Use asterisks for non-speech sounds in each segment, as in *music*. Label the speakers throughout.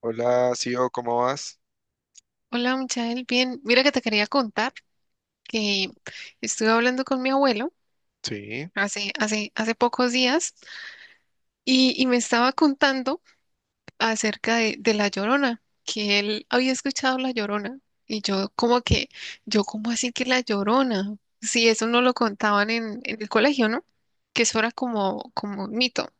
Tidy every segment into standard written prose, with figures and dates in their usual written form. Speaker 1: Hola, Sio, ¿cómo vas?
Speaker 2: Hola, Michael, bien. Mira que te quería contar que estuve hablando con mi abuelo
Speaker 1: Sí,
Speaker 2: hace pocos días y me estaba contando acerca de La Llorona, que él había escuchado La Llorona y yo como que, yo como así que La Llorona, si eso no lo contaban en el colegio, ¿no? Que eso era como, como un mito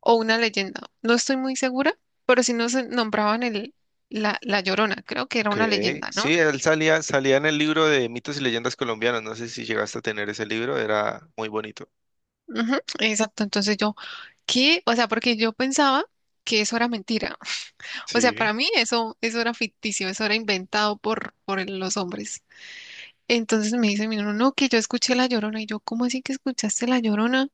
Speaker 2: o una leyenda. No estoy muy segura, pero si no se nombraban La Llorona, creo que era
Speaker 1: ok.
Speaker 2: una leyenda, ¿no?
Speaker 1: Sí, él salía en el libro de mitos y leyendas colombianas. No sé si llegaste a tener ese libro, era muy bonito.
Speaker 2: Ujú, exacto, entonces yo ¿qué? O sea, porque yo pensaba que eso era mentira. *laughs* O sea,
Speaker 1: Sí,
Speaker 2: para mí eso, eso era ficticio, eso era inventado por los hombres. Entonces me dice mi hermano, no, que yo escuché La Llorona. Y yo, ¿cómo así que escuchaste La Llorona?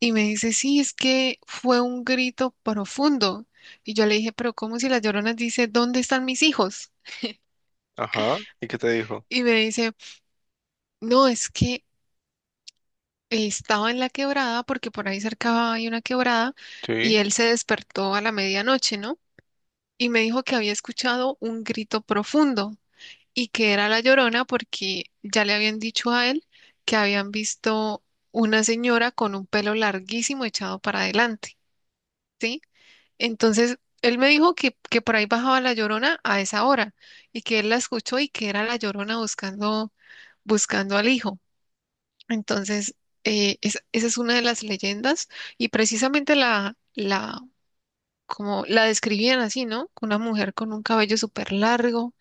Speaker 2: Y me dice, sí, es que fue un grito profundo. Y yo le dije, pero ¿cómo si La Llorona dice, ¿dónde están mis hijos?
Speaker 1: ajá. ¿Y qué te dijo?
Speaker 2: Y me dice, no, es que estaba en la quebrada, porque por ahí cerca hay una quebrada, y
Speaker 1: Sí,
Speaker 2: él se despertó a la medianoche, ¿no? Y me dijo que había escuchado un grito profundo y que era la Llorona porque ya le habían dicho a él que habían visto una señora con un pelo larguísimo echado para adelante, ¿sí? Entonces, él me dijo que por ahí bajaba la Llorona a esa hora y que él la escuchó y que era la Llorona buscando, buscando al hijo. Entonces, esa es una de las leyendas y precisamente como la describían así, ¿no? Una mujer con un cabello súper largo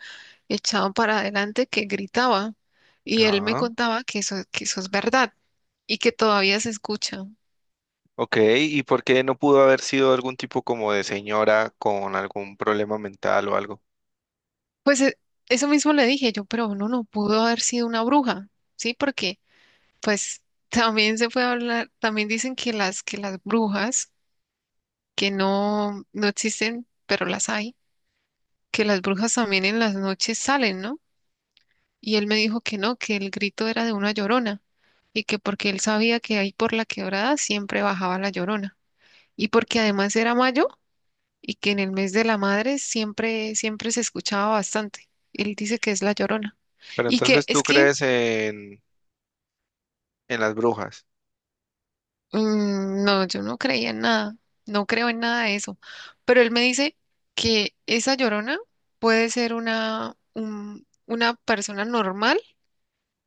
Speaker 2: echado para adelante que gritaba y él me
Speaker 1: ah.
Speaker 2: contaba que eso es verdad y que todavía se escucha.
Speaker 1: Ok, ¿y por qué no pudo haber sido algún tipo como de señora con algún problema mental o algo?
Speaker 2: Pues e- Eso mismo le dije yo, pero uno no pudo haber sido una bruja, ¿sí? Porque pues *laughs* también se puede hablar, también dicen que las brujas, que no, no existen, pero las hay, que las brujas también en las noches salen, ¿no? Y él me dijo que no, que el grito era de una llorona y que porque él sabía que ahí por la quebrada siempre bajaba la llorona. Y porque además era mayo y que en el mes de la madre siempre, siempre se escuchaba bastante. Él dice que es la Llorona.
Speaker 1: Pero
Speaker 2: Y que
Speaker 1: entonces
Speaker 2: es
Speaker 1: tú
Speaker 2: que,
Speaker 1: crees en las brujas.
Speaker 2: no, yo no creía en nada, no creo en nada de eso. Pero él me dice que esa Llorona puede ser una, una persona normal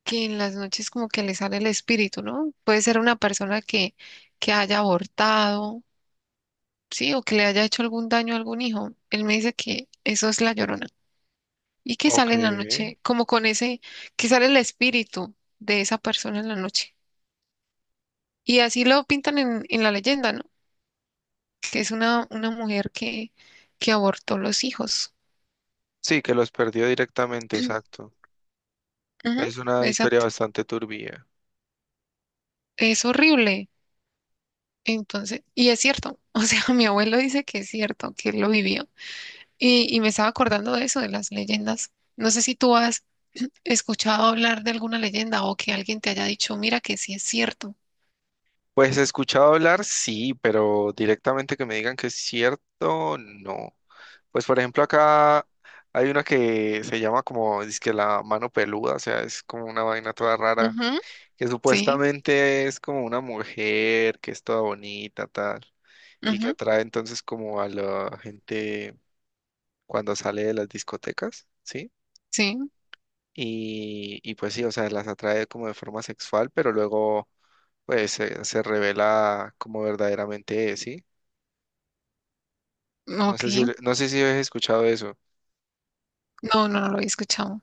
Speaker 2: que en las noches como que le sale el espíritu, ¿no? Puede ser una persona que haya abortado, sí, o que le haya hecho algún daño a algún hijo. Él me dice que eso es la Llorona. Y que
Speaker 1: Ok.
Speaker 2: sale en la noche, como con ese, que sale el espíritu de esa persona en la noche. Y así lo pintan en la leyenda, ¿no? Que es una mujer que abortó los hijos.
Speaker 1: Sí, que los perdió directamente,
Speaker 2: *clears throat*
Speaker 1: exacto.
Speaker 2: Ujú,
Speaker 1: Es una historia
Speaker 2: exacto.
Speaker 1: bastante turbia.
Speaker 2: Es horrible. Entonces, y es cierto. *laughs* O sea, mi abuelo dice que es cierto, que él lo vivió. Y me estaba acordando de eso, de las leyendas. No sé si tú has *clears throat* escuchado hablar de alguna leyenda o que alguien te haya dicho, mira que sí es cierto.
Speaker 1: Pues he escuchado hablar, sí, pero directamente que me digan que es cierto, no. Pues por ejemplo acá hay una que se llama como, dizque la mano peluda, o sea, es como una vaina toda rara,
Speaker 2: Ujú,
Speaker 1: que
Speaker 2: sí,
Speaker 1: supuestamente es como una mujer que es toda bonita, tal, y que
Speaker 2: ujú,
Speaker 1: atrae entonces como a la gente cuando sale de las discotecas, ¿sí?
Speaker 2: sí.
Speaker 1: Y pues sí, o sea, las atrae como de forma sexual, pero luego pues se revela como verdaderamente es, ¿sí?
Speaker 2: No,
Speaker 1: No sé si,
Speaker 2: ok,
Speaker 1: no sé si habéis escuchado eso.
Speaker 2: no, no, no lo he escuchado.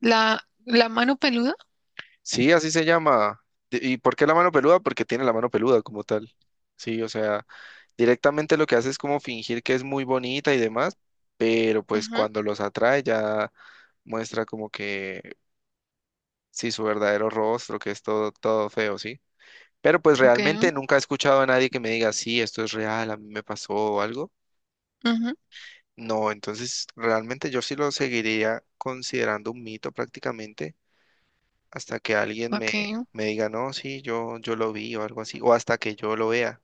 Speaker 2: La mano peluda.
Speaker 1: Sí, así se llama. ¿Y por qué la mano peluda? Porque tiene la mano peluda como tal. Sí, o sea, directamente lo que hace es como fingir que es muy bonita y demás, pero pues
Speaker 2: Ujú,
Speaker 1: cuando los atrae ya muestra como que sí su verdadero rostro, que es todo, todo feo, ¿sí? Pero pues
Speaker 2: ok,
Speaker 1: realmente nunca he escuchado a nadie que me diga, sí, esto es real, a mí me pasó o algo.
Speaker 2: ujú,
Speaker 1: No, entonces realmente yo sí lo seguiría considerando un mito prácticamente, hasta que alguien me,
Speaker 2: ok.
Speaker 1: me diga, no, sí, yo lo vi o algo así, o hasta que yo lo vea.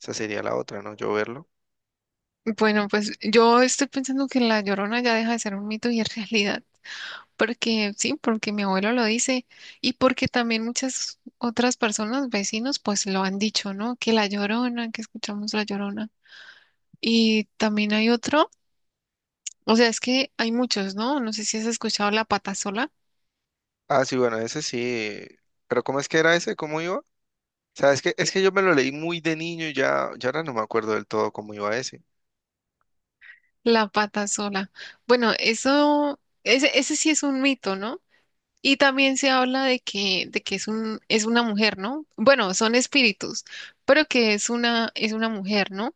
Speaker 1: Esa sería la otra, ¿no? Yo verlo.
Speaker 2: Bueno, pues yo estoy pensando que la Llorona ya deja de ser un mito y es *laughs* realidad. Porque sí, porque mi abuelo lo dice y porque también muchas otras personas, vecinos, pues lo han dicho, ¿no? Que la Llorona, que escuchamos la Llorona. Y también hay otro, o sea, es que hay muchos, ¿no? No sé si has escuchado la pata sola.
Speaker 1: Ah, sí, bueno, ese sí. Pero ¿cómo es que era ese? ¿Cómo iba? O sea, es que yo me lo leí muy de niño y ya, ya ahora no me acuerdo del todo cómo iba ese.
Speaker 2: La pata sola. Bueno, eso, ese sí es un mito, ¿no? Y también se habla de que es un, es una mujer, ¿no? Bueno, son espíritus, pero que es una mujer, ¿no?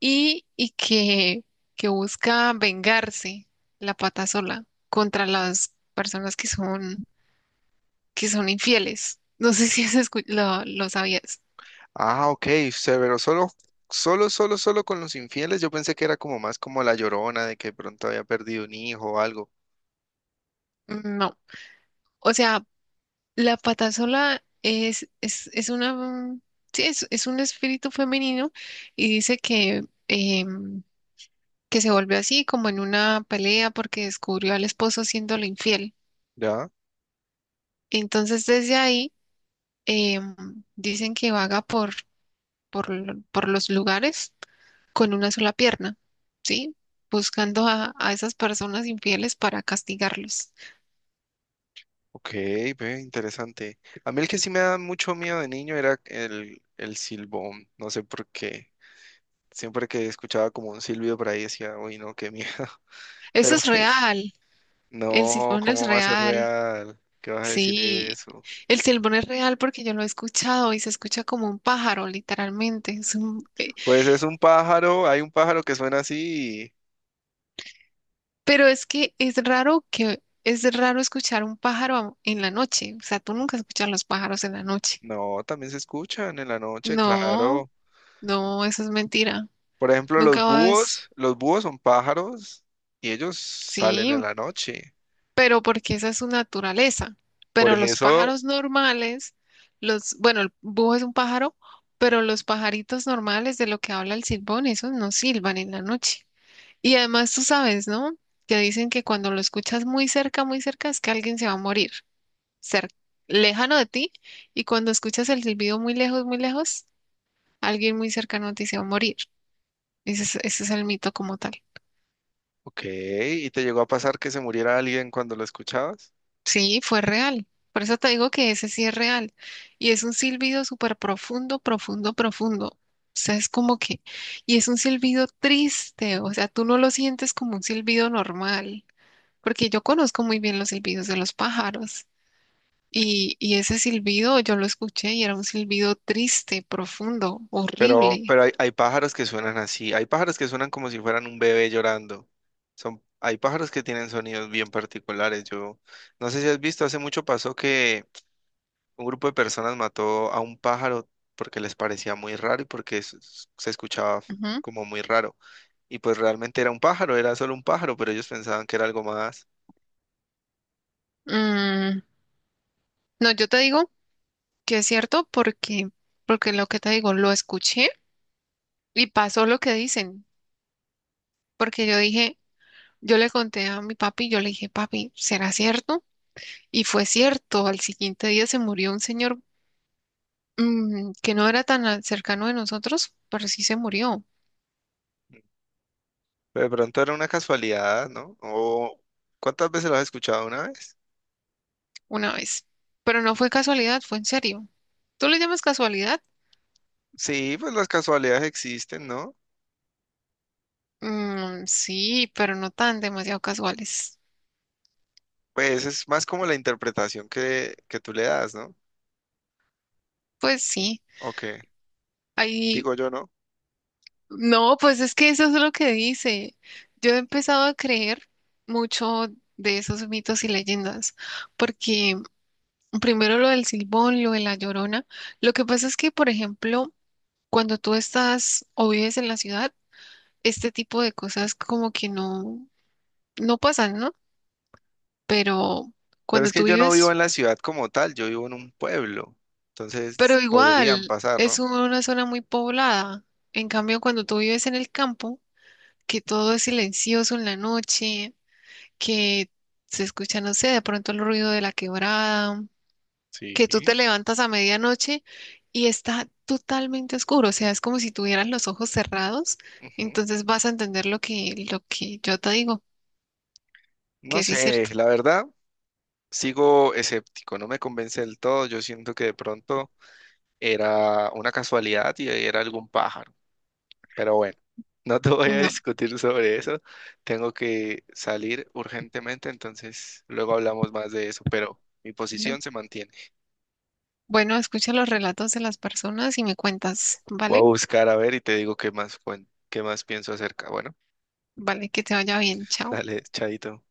Speaker 2: Y que busca vengarse la pata sola contra las personas que son infieles. No sé si has escu- Lo sabías.
Speaker 1: Ah, ok, severo, solo, solo, solo, solo con los infieles. Yo pensé que era como más como la Llorona, de que de pronto había perdido un hijo o algo.
Speaker 2: No. O sea, la pata sola es una, sí, es un espíritu femenino y dice que, em, que se volvió así como en una pelea porque descubrió al esposo siéndole infiel.
Speaker 1: Ya,
Speaker 2: Entonces desde ahí em, dicen que vaga por, por los lugares con una sola pierna, ¿sí? Buscando a esas personas infieles para castigarlos.
Speaker 1: ok, ve, interesante. A mí el que sí me da mucho miedo de niño era el silbón, no sé por qué. Siempre que escuchaba como un silbido por ahí decía, uy, no, qué miedo. *laughs*
Speaker 2: Eso
Speaker 1: Pero
Speaker 2: es
Speaker 1: pues,
Speaker 2: real, el
Speaker 1: no,
Speaker 2: silbón es
Speaker 1: ¿cómo va a ser
Speaker 2: real,
Speaker 1: real? ¿Qué vas a decir
Speaker 2: sí.
Speaker 1: eso?
Speaker 2: El silbón es real porque yo lo he escuchado y se escucha como un pájaro, literalmente.
Speaker 1: Pues es un pájaro, hay un pájaro que suena así.
Speaker 2: Pero es que es raro escuchar un pájaro en la noche. O sea, tú nunca escuchas los pájaros en la noche.
Speaker 1: No, también se escuchan en la noche,
Speaker 2: No,
Speaker 1: claro.
Speaker 2: no, eso es mentira.
Speaker 1: Por ejemplo,
Speaker 2: Nunca vas.
Speaker 1: los búhos son pájaros y ellos salen
Speaker 2: Sí,
Speaker 1: en la noche.
Speaker 2: pero porque esa es su naturaleza.
Speaker 1: Por
Speaker 2: Pero los
Speaker 1: eso,
Speaker 2: pájaros normales, los, bueno, el búho es un pájaro, pero los pajaritos normales de lo que habla el silbón, esos no silban en la noche. Y además tú sabes, ¿no? Que dicen que cuando lo escuchas muy cerca, es que alguien se va a morir. cer- Lejano de ti y cuando escuchas el silbido muy lejos, alguien muy cercano te dice va a morir. Ese es el mito como tal.
Speaker 1: ok, ¿y te llegó a pasar que se muriera alguien cuando lo escuchabas?
Speaker 2: Sí, fue real. Por eso te digo que ese sí es real. Y es un silbido súper profundo, profundo, profundo. O sea, es como que, y es un silbido triste, o sea, tú no lo sientes como un silbido normal, porque yo conozco muy bien los silbidos de los pájaros. Y ese silbido yo lo escuché y era un silbido triste, profundo, horrible.
Speaker 1: Pero hay, hay pájaros que suenan así, hay pájaros que suenan como si fueran un bebé llorando. Son, hay pájaros que tienen sonidos bien particulares. Yo no sé si has visto, hace mucho pasó que un grupo de personas mató a un pájaro porque les parecía muy raro y porque se escuchaba
Speaker 2: Ujú.
Speaker 1: como muy raro. Y pues realmente era un pájaro, era solo un pájaro, pero ellos pensaban que era algo más.
Speaker 2: Mm, no, yo te digo que es cierto porque, porque lo que te digo, lo escuché y pasó lo que dicen, porque yo dije, yo le conté a mi papi, yo le dije, papi, ¿será cierto? Y fue cierto, al siguiente día se murió un señor que no era tan cercano de nosotros, pero sí se murió
Speaker 1: Pero de pronto era una casualidad, ¿no? O ¿cuántas veces lo has escuchado? Una vez.
Speaker 2: una vez, pero no
Speaker 1: Mm,
Speaker 2: fue casualidad, fue en serio. ¿Tú le llamas casualidad?
Speaker 1: sí, pues las casualidades existen, ¿no?
Speaker 2: Mm, sí, pero no tan demasiado casuales.
Speaker 1: Pues es más como la interpretación que tú le das, ¿no?
Speaker 2: Pues sí,
Speaker 1: O que
Speaker 2: hay
Speaker 1: digo yo, ¿no?
Speaker 2: no, pues es que eso es lo que dice. Yo he empezado a creer mucho de esos mitos y leyendas, porque primero lo del Silbón, lo de la Llorona. Lo que pasa es que, por ejemplo, cuando tú estás o vives en la ciudad, este tipo de cosas como que no, no pasan, ¿no? Pero
Speaker 1: Pero es
Speaker 2: cuando tú
Speaker 1: que yo no vivo
Speaker 2: vives,
Speaker 1: en la ciudad como tal, yo vivo en un pueblo.
Speaker 2: pero
Speaker 1: Entonces podrían
Speaker 2: igual
Speaker 1: pasar,
Speaker 2: es
Speaker 1: ¿no?
Speaker 2: una zona muy poblada. En cambio, cuando tú vives en el campo, que todo es silencioso en la noche que se escucha, no sé, de pronto el ruido de la quebrada,
Speaker 1: Sí.
Speaker 2: que tú te levantas a medianoche y está totalmente oscuro, o sea, es como si tuvieras los ojos cerrados,
Speaker 1: Ujú.
Speaker 2: entonces vas a entender lo que yo te digo,
Speaker 1: No
Speaker 2: que sí es
Speaker 1: sé,
Speaker 2: cierto.
Speaker 1: la verdad, sigo escéptico, no me convence del todo. Yo siento que de pronto era una casualidad y era algún pájaro. Pero bueno, *laughs* no te voy a
Speaker 2: No.
Speaker 1: discutir sobre eso. Tengo que salir urgentemente, entonces luego hablamos más de eso, pero mi
Speaker 2: ¿Vale?
Speaker 1: posición se mantiene.
Speaker 2: Bueno, escucha los relatos de las personas y me cuentas,
Speaker 1: Voy a
Speaker 2: ¿vale?
Speaker 1: buscar a ver y te digo qué más, qué más pienso acerca. Bueno,
Speaker 2: Vale, que te vaya bien, chao.
Speaker 1: dale, chaito.